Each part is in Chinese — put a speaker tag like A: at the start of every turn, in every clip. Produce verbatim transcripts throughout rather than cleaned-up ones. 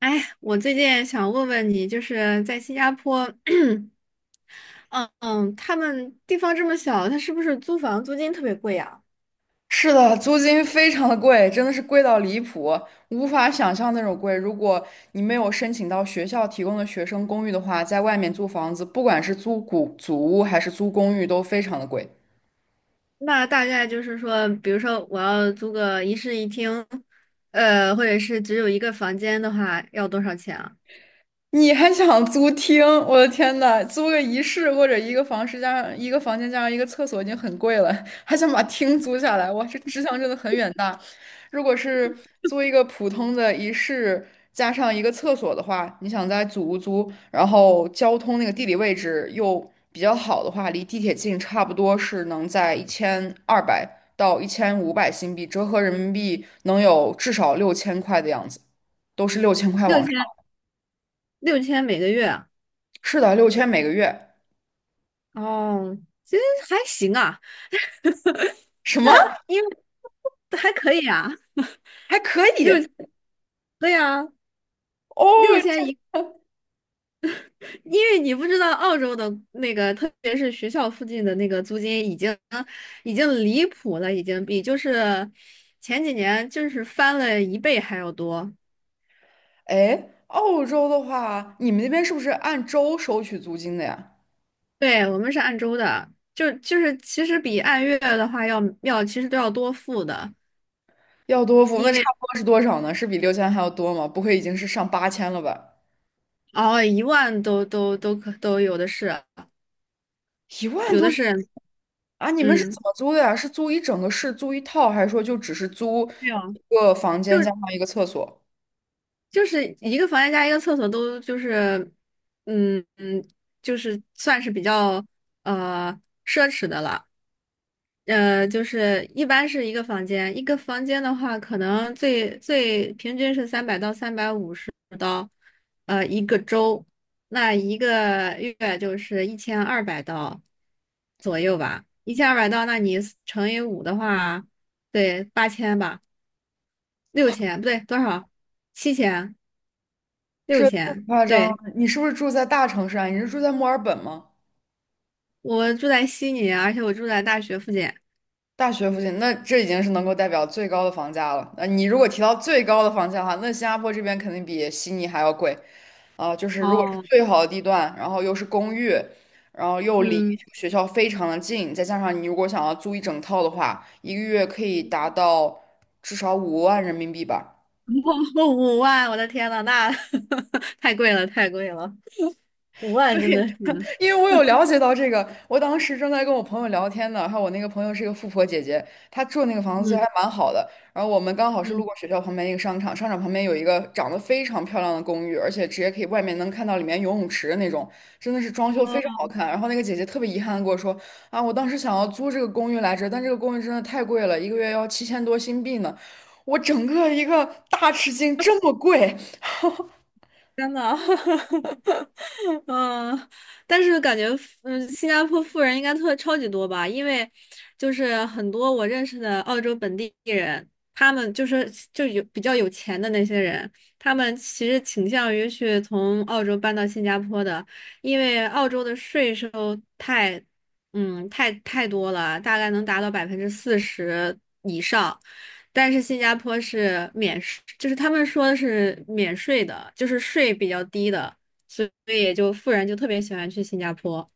A: 哎，我最近想问问你，就是在新加坡，嗯嗯，他们地方这么小，他是不是租房租金特别贵啊？
B: 是的，租金非常的贵，真的是贵到离谱，无法想象那种贵。如果你没有申请到学校提供的学生公寓的话，在外面租房子，不管是租古祖屋还是租公寓，都非常的贵。
A: 那大概就是说，比如说我要租个一室一厅，呃，或者是只有一个房间的话，要多少钱啊？
B: 你还想租厅？我的天呐，租个一室或者一个房室加上一个房间加上一个厕所已经很贵了，还想把厅租下来，哇，这志向真的很远大。如果是租一个普通的一室加上一个厕所的话，你想在祖屋租，然后交通那个地理位置又比较好的话，离地铁近，差不多是能在一千二百到一千五百新币，折合人民币能有至少六千块的样子，都是六千块
A: 六
B: 往
A: 千，
B: 上。
A: 六千每个月啊？
B: 是的，六千每个月，
A: 哦，其实还行啊，
B: 什么
A: 那因为还可以啊，
B: 还可
A: 六，
B: 以
A: 对啊，
B: 哦？
A: 六千
B: 这
A: 一。因为你不知道澳洲的那个，特别是学校附近的那个租金已经已经离谱了，已经比就是前几年就是翻了一倍还要多。
B: 哎，澳洲的话，你们那边是不是按周收取租金的呀？
A: 对，我们是按周的，就就是其实比按月的话要要其实都要多付的，
B: 要多付，那
A: 因
B: 差
A: 为
B: 不多是多少呢？是比六千还要多吗？不会已经是上八千了吧？
A: 哦，一万都都都可都有的是，
B: 一万
A: 有
B: 多
A: 的是。
B: 啊？你们是怎
A: 嗯，
B: 么租的呀？是租一整个市，租一套，还是说就只是租
A: 没有。
B: 一个房
A: 就
B: 间加上一个厕所？
A: 就是一个房间加一个厕所都就是，嗯嗯，就是算是比较呃奢侈的了。呃，就是一般是一个房间，一个房间的话，可能最最平均是三百到三百五十刀，呃，一个周，那一个月就是一千二百刀左右吧。一千二百刀，那你乘以五的话，对，八千吧，六千，不对，多少？七千，六
B: 这太
A: 千。
B: 夸张了！
A: 对，
B: 你是不是住在大城市啊？你是住在墨尔本吗？
A: 我住在悉尼，而且我住在大学附近。
B: 大学附近，那这已经是能够代表最高的房价了。那你如果提到最高的房价的话，那新加坡这边肯定比悉尼还要贵啊、就是如果是
A: 哦，
B: 最好的地段，然后又是公寓，然后又离
A: 嗯，
B: 学校非常的近，再加上你如果想要租一整套的话，一个月可以达到至少五万人民币吧。
A: 五万，我的天呐，那 太贵了，太贵了，五 万
B: 对。
A: 真的是。
B: 因为我有了解到这个，我当时正在跟我朋友聊天呢，还有我那个朋友是一个富婆姐姐，她住那个房子还
A: 嗯
B: 蛮好的。然后我们刚好是
A: 嗯，
B: 路过学校旁边一个商场，商场旁边有一个长得非常漂亮的公寓，而且直接可以外面能看到里面游泳池的那种，真的是装修非常好看。然后那个姐姐特别遗憾的跟我说，啊，我当时想要租这个公寓来着，但这个公寓真的太贵了，一个月要七千多新币呢。我整个一个大吃惊，这么贵！
A: 天呐，嗯，但是感觉，嗯，新加坡富人应该特超级多吧？因为就是很多我认识的澳洲本地人，他们就是就有比较有钱的那些人，他们其实倾向于去从澳洲搬到新加坡的，因为澳洲的税收太，嗯，太太多了，大概能达到百分之四十以上。但是新加坡是免税，就是他们说是免税的，就是税比较低的，所以也就富人就特别喜欢去新加坡。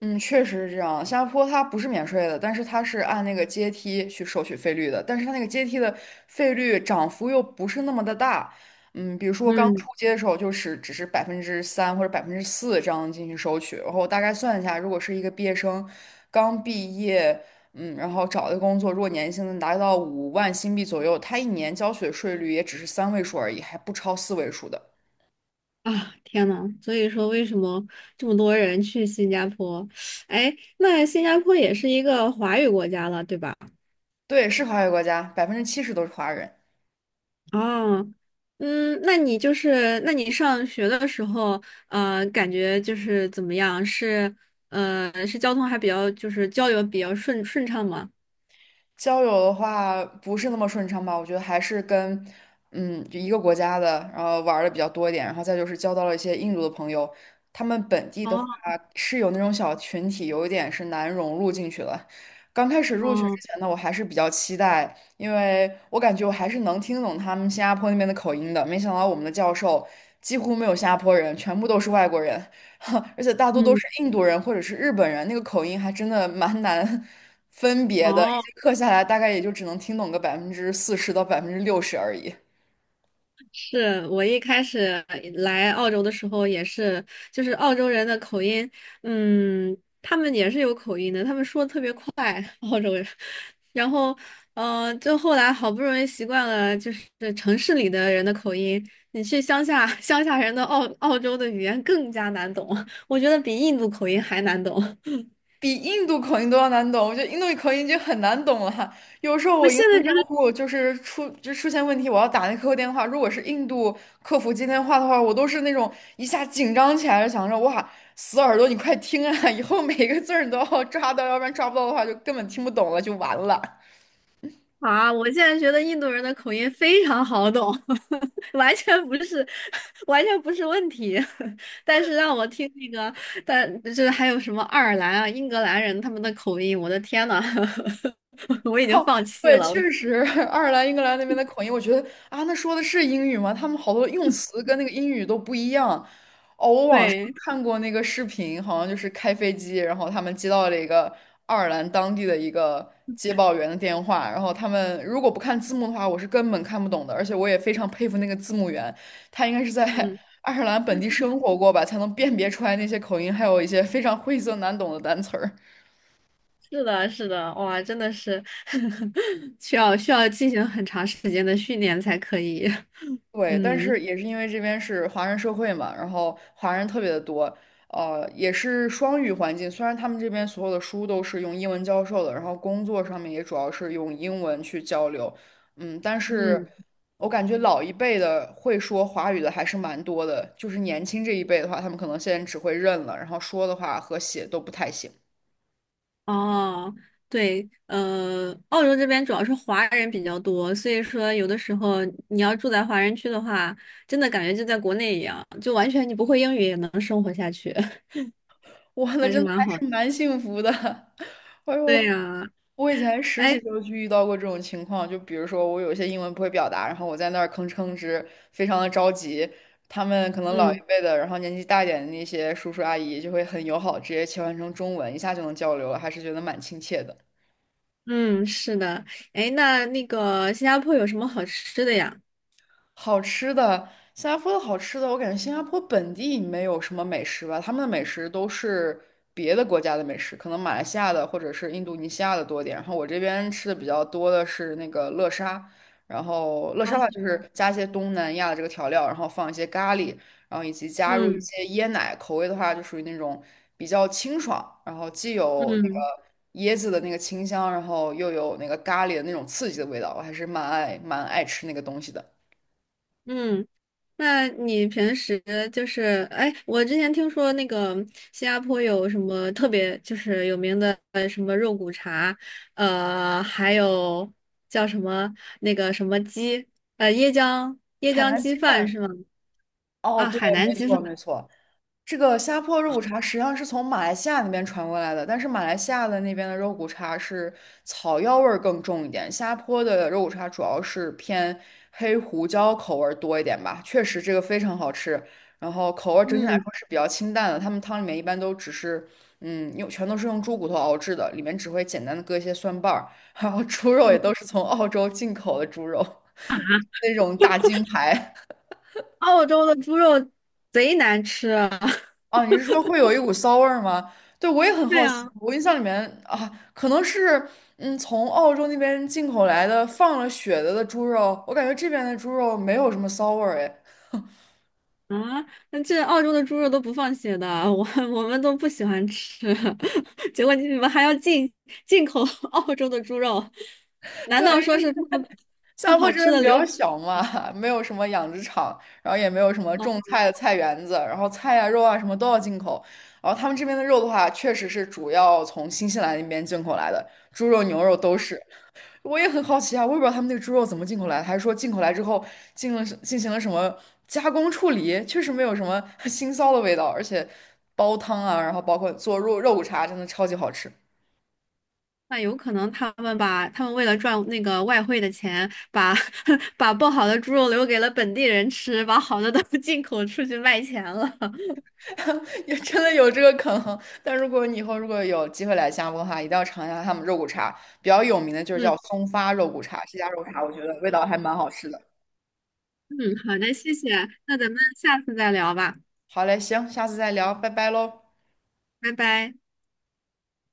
B: 嗯，确实是这样。新加坡它不是免税的，但是它是按那个阶梯去收取费率的，但是它那个阶梯的费率涨幅又不是那么的大。嗯，比如说刚
A: 嗯。
B: 出街的时候，就是只是百分之三或者百分之四这样进行收取，然后我大概算一下，如果是一个毕业生刚毕业，嗯，然后找的工作，如果年薪能达到五万新币左右，他一年交取的税率也只是三位数而已，还不超四位数的。
A: 啊！天呐，所以说为什么这么多人去新加坡？哎，那新加坡也是一个华语国家了，对吧？
B: 对，是华语国家，百分之七十都是华人。
A: 哦，嗯，那你就是，那你上学的时候，呃，感觉就是怎么样？是，呃，是交通还比较，就是交流比较顺顺畅吗？
B: 交友的话不是那么顺畅吧？我觉得还是跟嗯就一个国家的，然后玩的比较多一点，然后再就是交到了一些印度的朋友，他们本地的话
A: 哦
B: 是有那种小群体，有一点是难融入进去了。刚开始入学
A: 哦。
B: 之前呢，我还是比较期待，因为我感觉我还是能听懂他们新加坡那边的口音的。没想到我们的教授几乎没有新加坡人，全部都是外国人，而且大多都是
A: 嗯。
B: 印度人或者是日本人，那个口音还真的蛮难 分别的。一
A: 哦，
B: 节课下来，大概也就只能听懂个百分之四十到百分之六十而已，
A: 是我一开始来澳洲的时候也是，就是澳洲人的口音，嗯，他们也是有口音的，他们说的特别快，澳洲人。然后，嗯，就后来好不容易习惯了，就是城市里的人的口音，你去乡下，乡下人的澳澳洲的语言更加难懂，我觉得比印度口音还难懂。
B: 比印度口音都要难懂。我觉得印度口音已经很难懂了。有时候
A: 我
B: 我银
A: 现在
B: 行
A: 觉
B: 账
A: 得
B: 户就是出就出现问题，我要打那客服电话，如果是印度客服接电话的话，我都是那种一下紧张起来就想着哇，死耳朵，你快听啊！以后每一个字儿你都要抓到，要不然抓不到的话就根本听不懂了，就完了。
A: 啊，我现在觉得印度人的口音非常好懂，完全不是，完全不是问题。但是让我听那个，但就是还有什么爱尔兰啊、英格兰人他们的口音，我的天呐，我已经
B: 哦，
A: 放弃
B: 对，
A: 了。
B: 确实，爱尔兰、英格兰那边的口音，我觉得啊，那说的是英语吗？他们好多用词跟那个英语都不一样。哦，我网上
A: 对，
B: 看过那个视频，好像就是开飞机，然后他们接到了一个爱尔兰当地的一个接报员的电话，然后他们如果不看字幕的话，我是根本看不懂的。而且我也非常佩服那个字幕员，他应该是在
A: 嗯，
B: 爱尔兰本地生活过吧，才能辨别出来那些口音，还有一些非常晦涩难懂的单词儿。
A: 是的，是的，哇，真的是 需要需要进行很长时间的训练才可以。
B: 对，但是
A: 嗯
B: 也是因为这边是华人社会嘛，然后华人特别的多，呃，也是双语环境。虽然他们这边所有的书都是用英文教授的，然后工作上面也主要是用英文去交流，嗯，但是
A: 嗯。
B: 我感觉老一辈的会说华语的还是蛮多的，就是年轻这一辈的话，他们可能现在只会认了，然后说的话和写都不太行。
A: 哦，对，呃，澳洲这边主要是华人比较多，所以说有的时候你要住在华人区的话，真的感觉就在国内一样，就完全你不会英语也能生活下去，
B: 哇，那
A: 还是
B: 真的
A: 蛮
B: 还
A: 好的。
B: 是蛮幸福的，哎
A: 对
B: 呦。
A: 呀，
B: 我以前实习
A: 哎，
B: 时候就遇到过这种情况，就比如说我有一些英文不会表达，然后我在那儿吭哧吭哧，非常的着急。他们可能老一
A: 嗯
B: 辈的，然后年纪大一点的那些叔叔阿姨就会很友好，直接切换成中文，一下就能交流了，还是觉得蛮亲切的。
A: 嗯，是的，哎，那那个新加坡有什么好吃的呀？
B: 好吃的，新加坡的好吃的，我感觉新加坡本地没有什么美食吧，他们的美食都是别的国家的美食，可能马来西亚的或者是印度尼西亚的多一点。然后我这边吃的比较多的是那个乐沙，然后乐沙
A: 啊，
B: 的话就是加一些东南亚的这个调料，然后放一些咖喱，然后以及加入一
A: 嗯
B: 些椰奶，口味的话就属于那种比较清爽，然后既有那
A: 嗯
B: 个椰子的那个清香，然后又有那个咖喱的那种刺激的味道，我还是蛮爱蛮爱吃那个东西的。
A: 嗯。那你平时就是，哎，我之前听说那个新加坡有什么特别就是有名的呃什么肉骨茶，呃，还有叫什么那个什么鸡，呃，椰浆椰
B: 海
A: 浆
B: 南
A: 鸡
B: 鸡
A: 饭
B: 饭，
A: 是吗？
B: 哦，
A: 啊，
B: 对，
A: 海南
B: 没
A: 鸡
B: 错
A: 饭。
B: 没错，这个虾坡肉骨茶实际上是从马来西亚那边传过来的，但是马来西亚的那边的肉骨茶是草药味儿更重一点，虾坡的肉骨茶主要是偏黑胡椒口味儿多一点吧。确实，这个非常好吃，然后口味儿整体来
A: 嗯
B: 说是比较清淡的。他们汤里面一般都只是，嗯，用全都是用猪骨头熬制的，里面只会简单的搁一些蒜瓣儿，然后猪肉也
A: 嗯
B: 都是从澳洲进口的猪肉，
A: 啊，
B: 那种大金牌。
A: 澳洲的猪肉贼难吃啊！
B: 啊，你是说会有一股骚味儿吗？对，我也很
A: 对
B: 好奇。
A: 啊。
B: 我印象里面啊，可能是嗯，从澳洲那边进口来的放了血的的猪肉，我感觉这边的猪肉没有什么骚味儿哎。
A: 啊，那这澳洲的猪肉都不放血的，我我们都不喜欢吃，结果你们还要进进口 澳洲的猪肉，难
B: 对，
A: 道
B: 因
A: 说
B: 为
A: 是他们
B: 新
A: 不
B: 加坡
A: 好
B: 这
A: 吃
B: 边
A: 的
B: 比较
A: 留。
B: 小嘛，没有什么养殖场，然后也没有什么
A: 哦，
B: 种菜的菜园子，然后菜呀、肉啊什么都要进口。然后他们这边的肉的话，确实是主要从新西兰那边进口来的，猪肉、牛肉都是。我也很好奇啊，我也不知道他们那个猪肉怎么进口来的，还是说进口来之后进了进行了什么加工处理，确实没有什么 腥臊的味道，而且煲汤啊，然后包括做肉肉骨茶，真的超级好吃，
A: 那有可能他们把他们为了赚那个外汇的钱，把 把不好的猪肉留给了本地人吃，把好的都 进口出去卖钱了。
B: 也真的有这个可能。但如果你以后如果有机会来新加坡的话，一定要尝一下他们肉骨茶，比较有名的就是
A: 嗯
B: 叫松发肉骨茶，这家肉骨茶我觉得味道还蛮好吃的。
A: 嗯，好的，谢谢，那咱们下次再聊吧，
B: 好嘞，行，下次再聊，拜拜喽。
A: 拜拜。